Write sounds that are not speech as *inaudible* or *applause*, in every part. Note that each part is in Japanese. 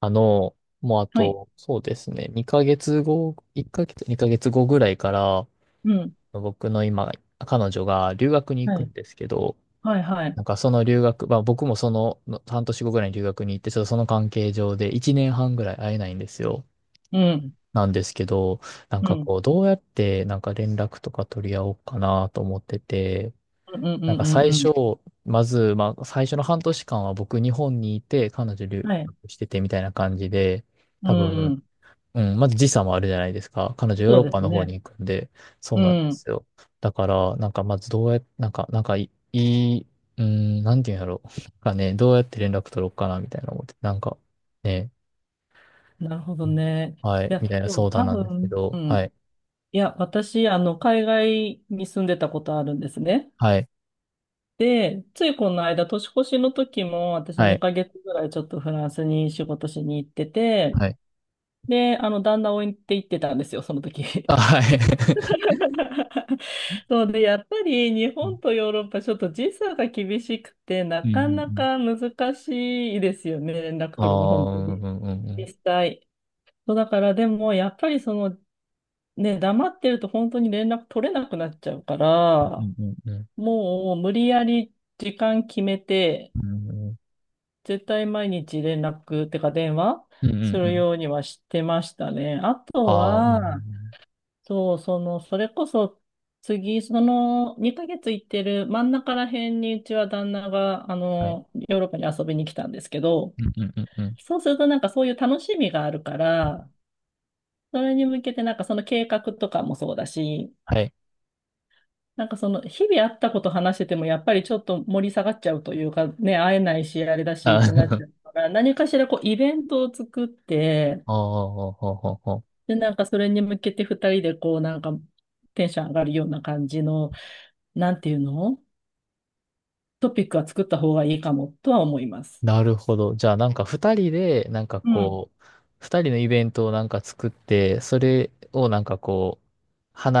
もうあはい。と、そうですね、2ヶ月後、1ヶ月、2ヶ月後ぐらいから、うん。僕の今、彼女が留学に行はくい。んですけど、はい、はい。なんかその留学、まあ僕もその半年後ぐらいに留学に行って、ちょっとその関係上で1年半ぐらい会えないんですよ。うん。なんですけど、なんうかん。こう、どうやってなんか連絡とか取り合おうかなと思ってて、うん、うん、なんうん、かうん。最うん。初、まず、まあ最初の半年間は僕日本にいて、彼女留はい。学しててみたいな感じで、う多ん、う分、ん。うん、まず時差もあるじゃないですか。彼女ヨーそうロッでパすの方ね。に行くんで、そううなんでん。すよ。だから、なんかまずどうやっ、なんか、なんかいい、いうん、なんていうんやろう。なんかね、どうやって連絡取ろうかな、みたいな思って、なんか、ね、なるほどね。はいい、や、みたいなでも相多談なんですけ分、うど、はん。い、いや、私、海外に住んでたことあるんですね。はい、で、ついこの間、年越しの時も、私はい、2ヶ月ぐらいちょっとフランスに仕事しに行ってて、はい。で、旦那を置いて行ってたんですよ、その時。あ、はい。*laughs* そうで、やっぱり日本と *laughs* ヨーロッパ、ちょっと時差が厳しくて、なうん、うん、かなうん。か難しいですよね、連絡あ取るの、あー、本う当ん、に。うん、う実ん、際。そうだから、でも、やっぱりその、ね、黙ってると本当に連絡取れなくなっちゃうかうら、ん、うん、もう無理やり時間決めて、うん、うん、絶対毎日連絡ってか電話うん、うすん、うるん、ようにはしてましたね。あとああー、うは、ん、そう、その、それこそ、次、その、2ヶ月行ってる真ん中ら辺に、うちは旦那が、はい、ヨーロッパに遊びに来たんですけど、うん、うん、うん、そうするとなんかそういう楽しみがあるから、それに向けてなんかその計画とかもそうだし、はい。なんかその、日々あったこと話してても、やっぱりちょっと盛り下がっちゃうというか、ね、会えないし、あれだしあってなっー ちゃう *laughs* から、何かしらこう、イベントを作って、ああ、ああ、ああ、で、なんかそれに向けて二人でこう、なんかテンション上がるような感じの、なんていうの、トピックは作った方がいいかもとは思います。なるほど。じゃあ、なんか二人で、なんかうん。こう、二人のイベントをなんか作って、それをなんかこう、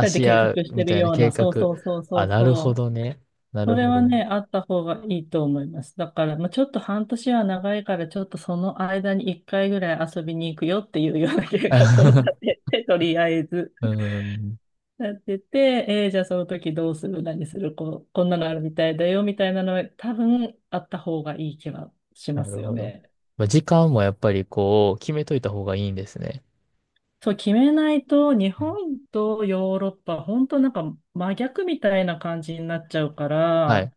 二人でし計画合うしみてるたいなよう計な、そう画。そうそうそあ、うなるそほう。どね。なそるれほはどね。ね、あった方がいいと思います。だから、まあ、ちょっと半年は長いから、ちょっとその間に一回ぐらい遊びに行くよっていうような計画を立 *laughs* てて、とりあえず。うん、なってて、じゃあその時どうする、何する、こう、こんなのあるみたいだよ、みたいなのは多分あった方がいい気はしなまるすよほど。ね。まあ、時間もやっぱりこう、決めといた方がいいんですね。そう、決めないと、日うん、本とヨーロッパ、本当なんか真逆みたいな感じになっちゃうかはら、い。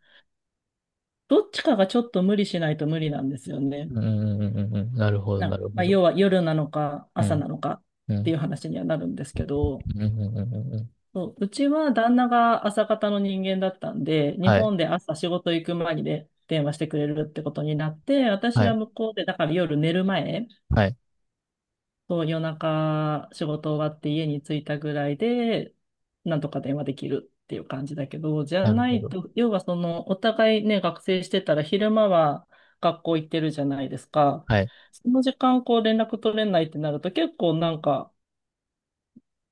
どっちかがちょっと無理しないと無理なんですようね。ん、うん、うん、うんうん。なるほど、なるまほあ、ど。要は夜なのかう朝ん、なのかっうていん、う話にはなるんですけど。うん、うん、うん。うん、そう、うちは旦那が朝方の人間だったんで、日はい、本で朝仕事行く前にで電話してくれるってことになって、私ははい、向こうで、だから夜寝る前、はい。そう夜中仕事終わって家に着いたぐらいで、なんとか電話できるっていう感じだけど、じゃなるなほいど。と、要はその、お互いね、学生してたら昼間は学校行ってるじゃないですか。はい。その時間こう連絡取れないってなると結構なんか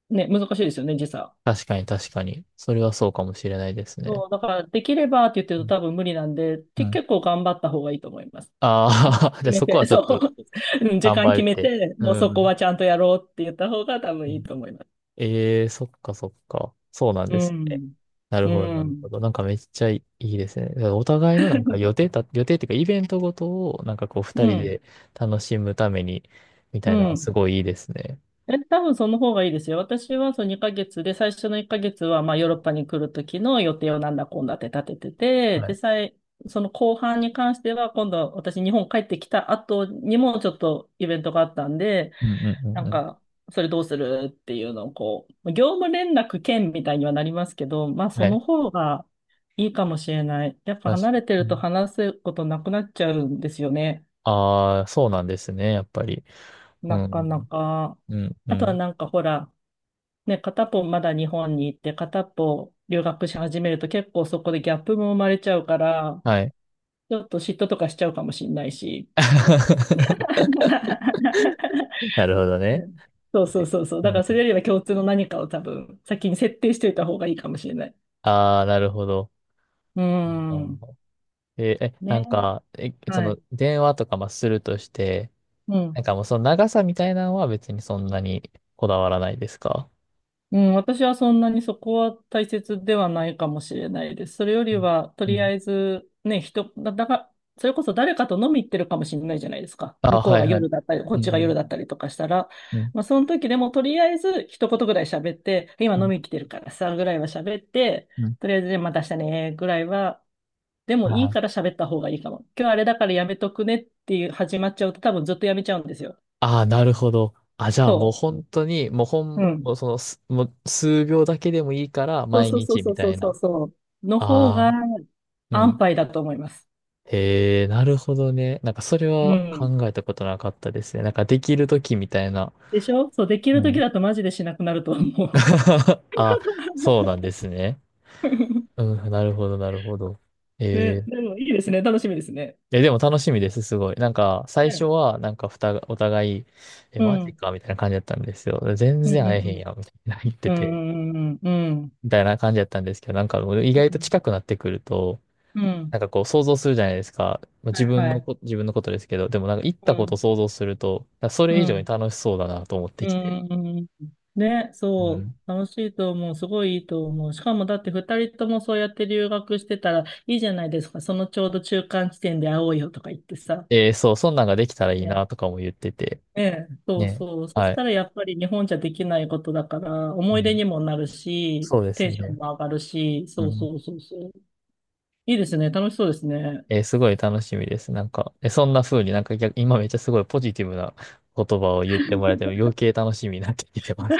ね、難しいですよね、時差。確かに確かに。それはそうかもしれないですね。そう、だからできればって言ってうるんと多分無理なんで、うん、結構頑張った方がいいと思います。ああー、*laughs* で、決めそこはて、*laughs* ちょそっとう、*laughs* うん、時頑間張っ決めて。て、うもうそこん。はちゃんとやろうって言った方が多分いいと思います。ええー、そっかそっか。そうなんうですね。ん。なるうほど、なるほん。ど。なんかめっちゃいいですね。だからお互いのなんか予定っていうかイベントごとをなんかこう二う人ん。で楽しむためにみたういなのはん。すごいいいですね。え、多分その方がいいですよ。私はその2ヶ月で、最初の1ヶ月はまあヨーロッパに来る時の予定をなんだこんだって立ててて、はで、い。その後半に関しては今度私日本帰ってきた後にもちょっとイベントがあったんで、うんうんうなんんうん。か、それどうするっていうのをこう、業務連絡兼みたいにはなりますけど、まあそはのい。方がいいかもしれない。やっぱ確離かれてるとに。話すことなくなっちゃうんですよね。ああ、そうなんですね、やっぱり。うなかん。なか。うん、うあとはん。なんかほら、ね、片っぽまだ日本に行って片っぽ留学し始めると結構そこでギャップも生まれちゃうから、はい。ちょっと嫉妬とかしちゃうかもしれないし。*laughs* *laughs* なるほどうね。ん、そうそうそうそう。うだからそれん、よりは共通の何かを多分先に設定しておいた方がいいかもしれない。ああ、なるほど。うーうん、ん。えーえ、なね。んか、そはの、い。電話とかまあするとして、うん。なんかもうその長さみたいなのは別にそんなにこだわらないですか？うん。私はそんなにそこは大切ではないかもしれないです。それよりは、とうりあん、えず、ね、だが、それこそ誰かと飲み行ってるかもしれないじゃないですか。ああ、向こうはいがはい。夜だったり、こうっちが夜んだったりとかしたら。うんまあ、その時でも、とりあえず一言ぐらい喋って、今う飲んみ来てるからさ、ぐらいは喋って、うん、とりあえず、じあまた明日ね、ぐらいは、であもいいーから喋った方がいいかも。今日あれだからやめとくねっていう始まっちゃうと多分ずっとやめちゃうんですよ。あー、なるほど。あ、じゃあもうそ本当に、う。うん。もうそのす、もう数秒だけでもいいからそう毎そうそう日そみうたそういな。そうそうの方あがあ、う安ん。牌だと思います。へえ、なるほどね。なんかそれうはん。考えたことなかったですね。なんかできるときみたいな。でしょ、そう、できうる時ん。だとマジでしなくなると思う。*laughs* あ、そうなんですね。*laughs* うん、なるほど、なるほど。えね、ー、でもいいですね。楽しみですね。でも楽しみです、すごい。なんか最初ね。はなんかふたが、お互い、え、うマジん。かみたいな感じだったんですよ。全うん然う会えへんんやん、みたいな言ってうんうて、ん。うんうんうんうん。みたいな感じだったんですけど、なんか意う外とん。近くなってくると、うん。なんかこう想像するじゃないですか。まあはいはい。自分のことですけど、でもなんか行っうたことん。を想像すると、なんかそうれ以上にん。楽しそうだなと思っうてきて。ーん。ね、うそう。ん。楽しいと思う。すごいいいと思う。しかもだって二人ともそうやって留学してたらいいじゃないですか。そのちょうど中間地点で会おうよとか言ってさ。えー、そう、そんなんができたらいいね、なとかも言ってて。ね、そうね。そう。そはしい。たらやっぱり日本じゃできないことだから、う思い出ん。にもなるし、そうでテすンションね。も上がるし、うそうん。そうそうそう。いいですね。楽しそうですね。えー、すごい楽しみです。なんか、そんな風になんか逆、今めっちゃすごいポジティブな言葉を言ってもらえても余計楽しみになってきてます。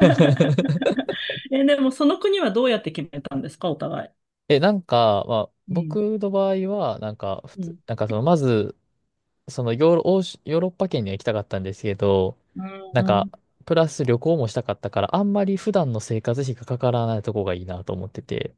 *laughs* え、でもその国はどうやって決めたんですか、お互い。なんか、まあ、うん。僕の場合は、なんか、普う通、ん。なんかその、まず、そのヨーロ、欧州ヨーロッパ圏には行きたかったんですけど、なうんか、ん。プラス旅行もしたかったから、あんまり普段の生活費がかからないとこがいいなと思ってて、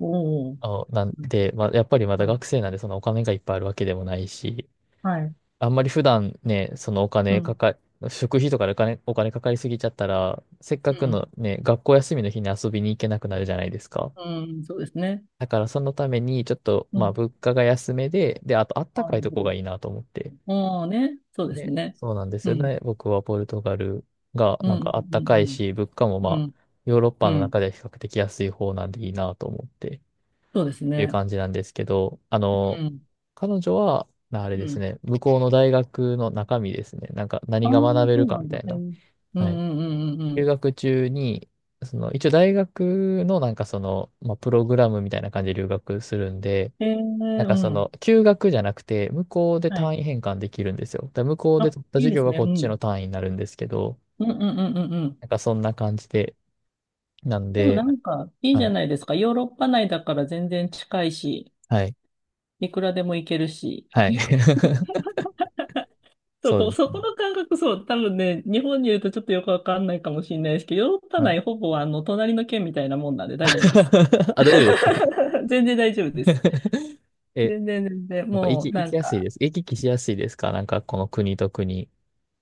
おお。なんで、まあ、やっぱりまだ学生なんでそのお金がいっぱいあるわけでもないし、はい。あんまり普段ね、そのおう金ん。かか、食費とかでお金かかりすぎちゃったら、せっかうくん。のね、学校休みの日に遊びに行けなくなるじゃないですか。うん。そうですね。だからそのために、ちょっと、うまあ、ん。物価が安めで、で、あとあったああ、かいなるとほこど。がいいなと思って。ああね。そうですね、ね。そうなんですうよん。ね。僕はポルトガルがうなんん。かあったかいし、物価もうんうん。うまん。あ、ヨーロッうパのん。中では比較的安い方なんでいいなと思ってっそうですていうね。感じなんですけど、うん。彼女は、なあれうですん。ね、向こうの大学の中身ですね、なんかあ何あ、が学べそるうかなみんただ。いへえ。うな。んうはい。んうんうんう留ん。学中に、その、一応大学のなんかその、まあ、プログラムみたいな感じで留学するんで、へえ、なんうかその、ん。休学じゃなくて、向こうではい。単位変換できるんですよ。だから向こうであ、取ったいい授で業すがね。こうっちのん。単位になるんですけど、うんうんうんうんうん。なんかそんな感じで、なんでもで、なんか、いいじはゃい、ないですか。ヨーロッパ内だから全然近いし、はい、いくらでも行けるし。はい。*laughs* そそうこ、ですそね。この感覚、そう、多分ね、日本にいるとちょっとよくわかんないかもしれないですけど、ヨーロッパはい。内ほぼ隣の県みたいなもんなんで大丈夫です。*laughs* あ、大丈夫ですか？ *laughs* 全然大丈夫です。*laughs* え、全然全然、やっぱもう行なきんやすいか、です。行き来しやすいですか、なんかこの国と国？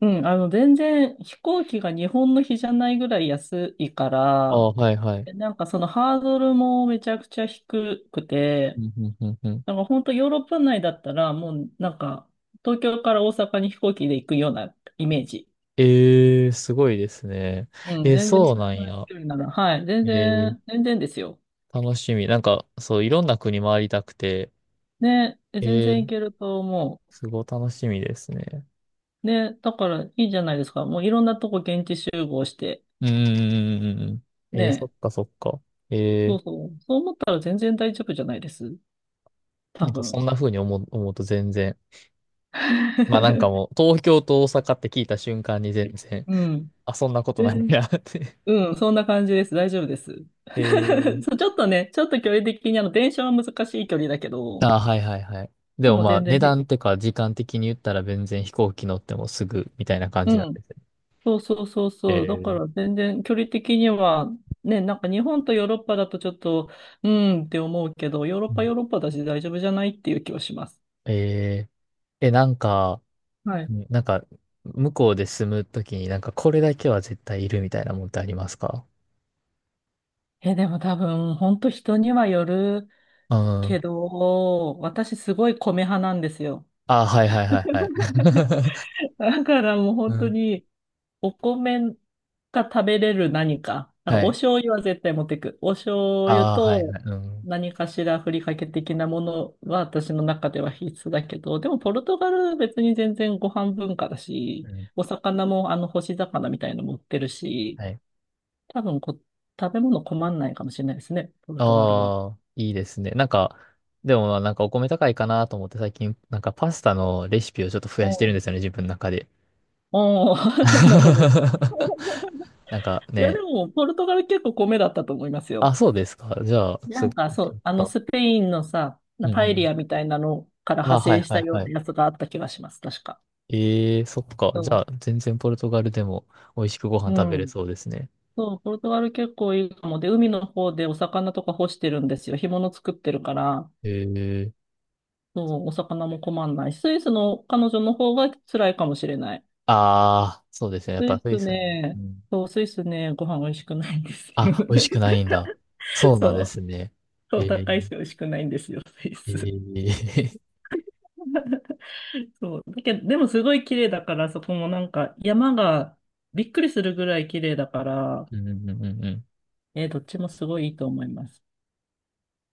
うん、全然飛行機が日本の比じゃないぐらい安いかあら、あ、はいはい。なんかそのハードルもめちゃくちゃ低くうて、んうんうんうん。なんか本当ヨーロッパ内だったらもうなんか東京から大阪に飛行機で行くようなイメージ。ええ、すごいですね。うん、えー、全然そうそなれぐんらいのや。距離なら、はい、全えー、然、全然ですよ。楽しみ。なんか、そう、いろんな国回りたくて、ね、全え然いー、けると思すごい楽しみですね。う。ね、だからいいじゃないですか。もういろんなとこ現地集合して、うんうんうんうん。えー、そね、っかそっか。そえうー、そう、そう思ったら全然大丈夫じゃないです。な多んか分。そんな風に思うと全然。まあなんかもう、*laughs* 東京と大阪って聞いた瞬間に全然、うん。あ、そんなことで、ないなって。うん、そんな感じです。大丈夫です。*laughs* えー、*laughs* そう、ちょっとね、ちょっと距離的に電車は難しい距離だけど、ああ、はいはいはい。ででももまあ、全値然ひ、段とか時間的に言ったら全然飛行機乗ってもすぐみたいな感うじなんでん。すね。そうそうそうえそう。だかーら全然距離的には、ね、なんか日本とヨーロッパだとちょっと、うーんって思うけど、ヨーロッうんパヨーロッパだし大丈夫じゃないっていう気はします。えなんか、はい。うん、なんか、向こうで住むときになんかこれだけは絶対いるみたいなもんってありますか？え、でも多分、本当人にはよるうん、けど、私すごい米派なんですよ。ああ、はいはいはいはい。*laughs* だからもうう本当ん。に、お米が食べれる何か。なんかはおい。醤油は絶対持ってく。お醤油ああ、はいとはい。うん。何かしらふりかけ的なものは私の中では必須だけど、でもポルトガル別に全然ご飯文化だうし、ん。お魚もあの干し魚みたいの持ってるし、はい。多分食べ物困んないかもしれないですね、ポルトガルは。ああ、いいですね。なんか、でもまあなんかお米高いかなと思って最近、なんかパスタのレシピをちょっと増おやしてるんうですよね、自分の中で。おう *laughs* なるほど。*laughs* なんかいや、でね、も、ポルトガル結構米だったと思いますあ、よ。そうですか。じゃあ、なすんぐか見そてみう、あのます。スペインのさ、うなんパうエリん。アみたいなのからあ、派はい生しはたいよはうない。やつがあった気がします、確か。ええ、そっか。じゃそあ、全然ポルトガルでも美味しくご飯う。う食べれん。そうですね。そう、ポルトガル結構いいかも。で、海の方でお魚とか干してるんですよ。干物作ってるから、ええ、そう、お魚も困んないし。スイスの彼女の方が辛いかもしれない。ああ、そうですね。やっスぱそイうでスすよね、ね。そう、スイスね、ご飯美味しくないんですよ。あ、美味しくないんだ。そう *laughs* なんそでう、すね。そえう、ー、高いし美味しくないんですよ、スイえス。ー、そう。だけど、でもすごい綺麗だから、そこもなんか山がびっくりするぐらい綺麗だから、*laughs* うんうんうんうん。どっちもすごいいいと思います。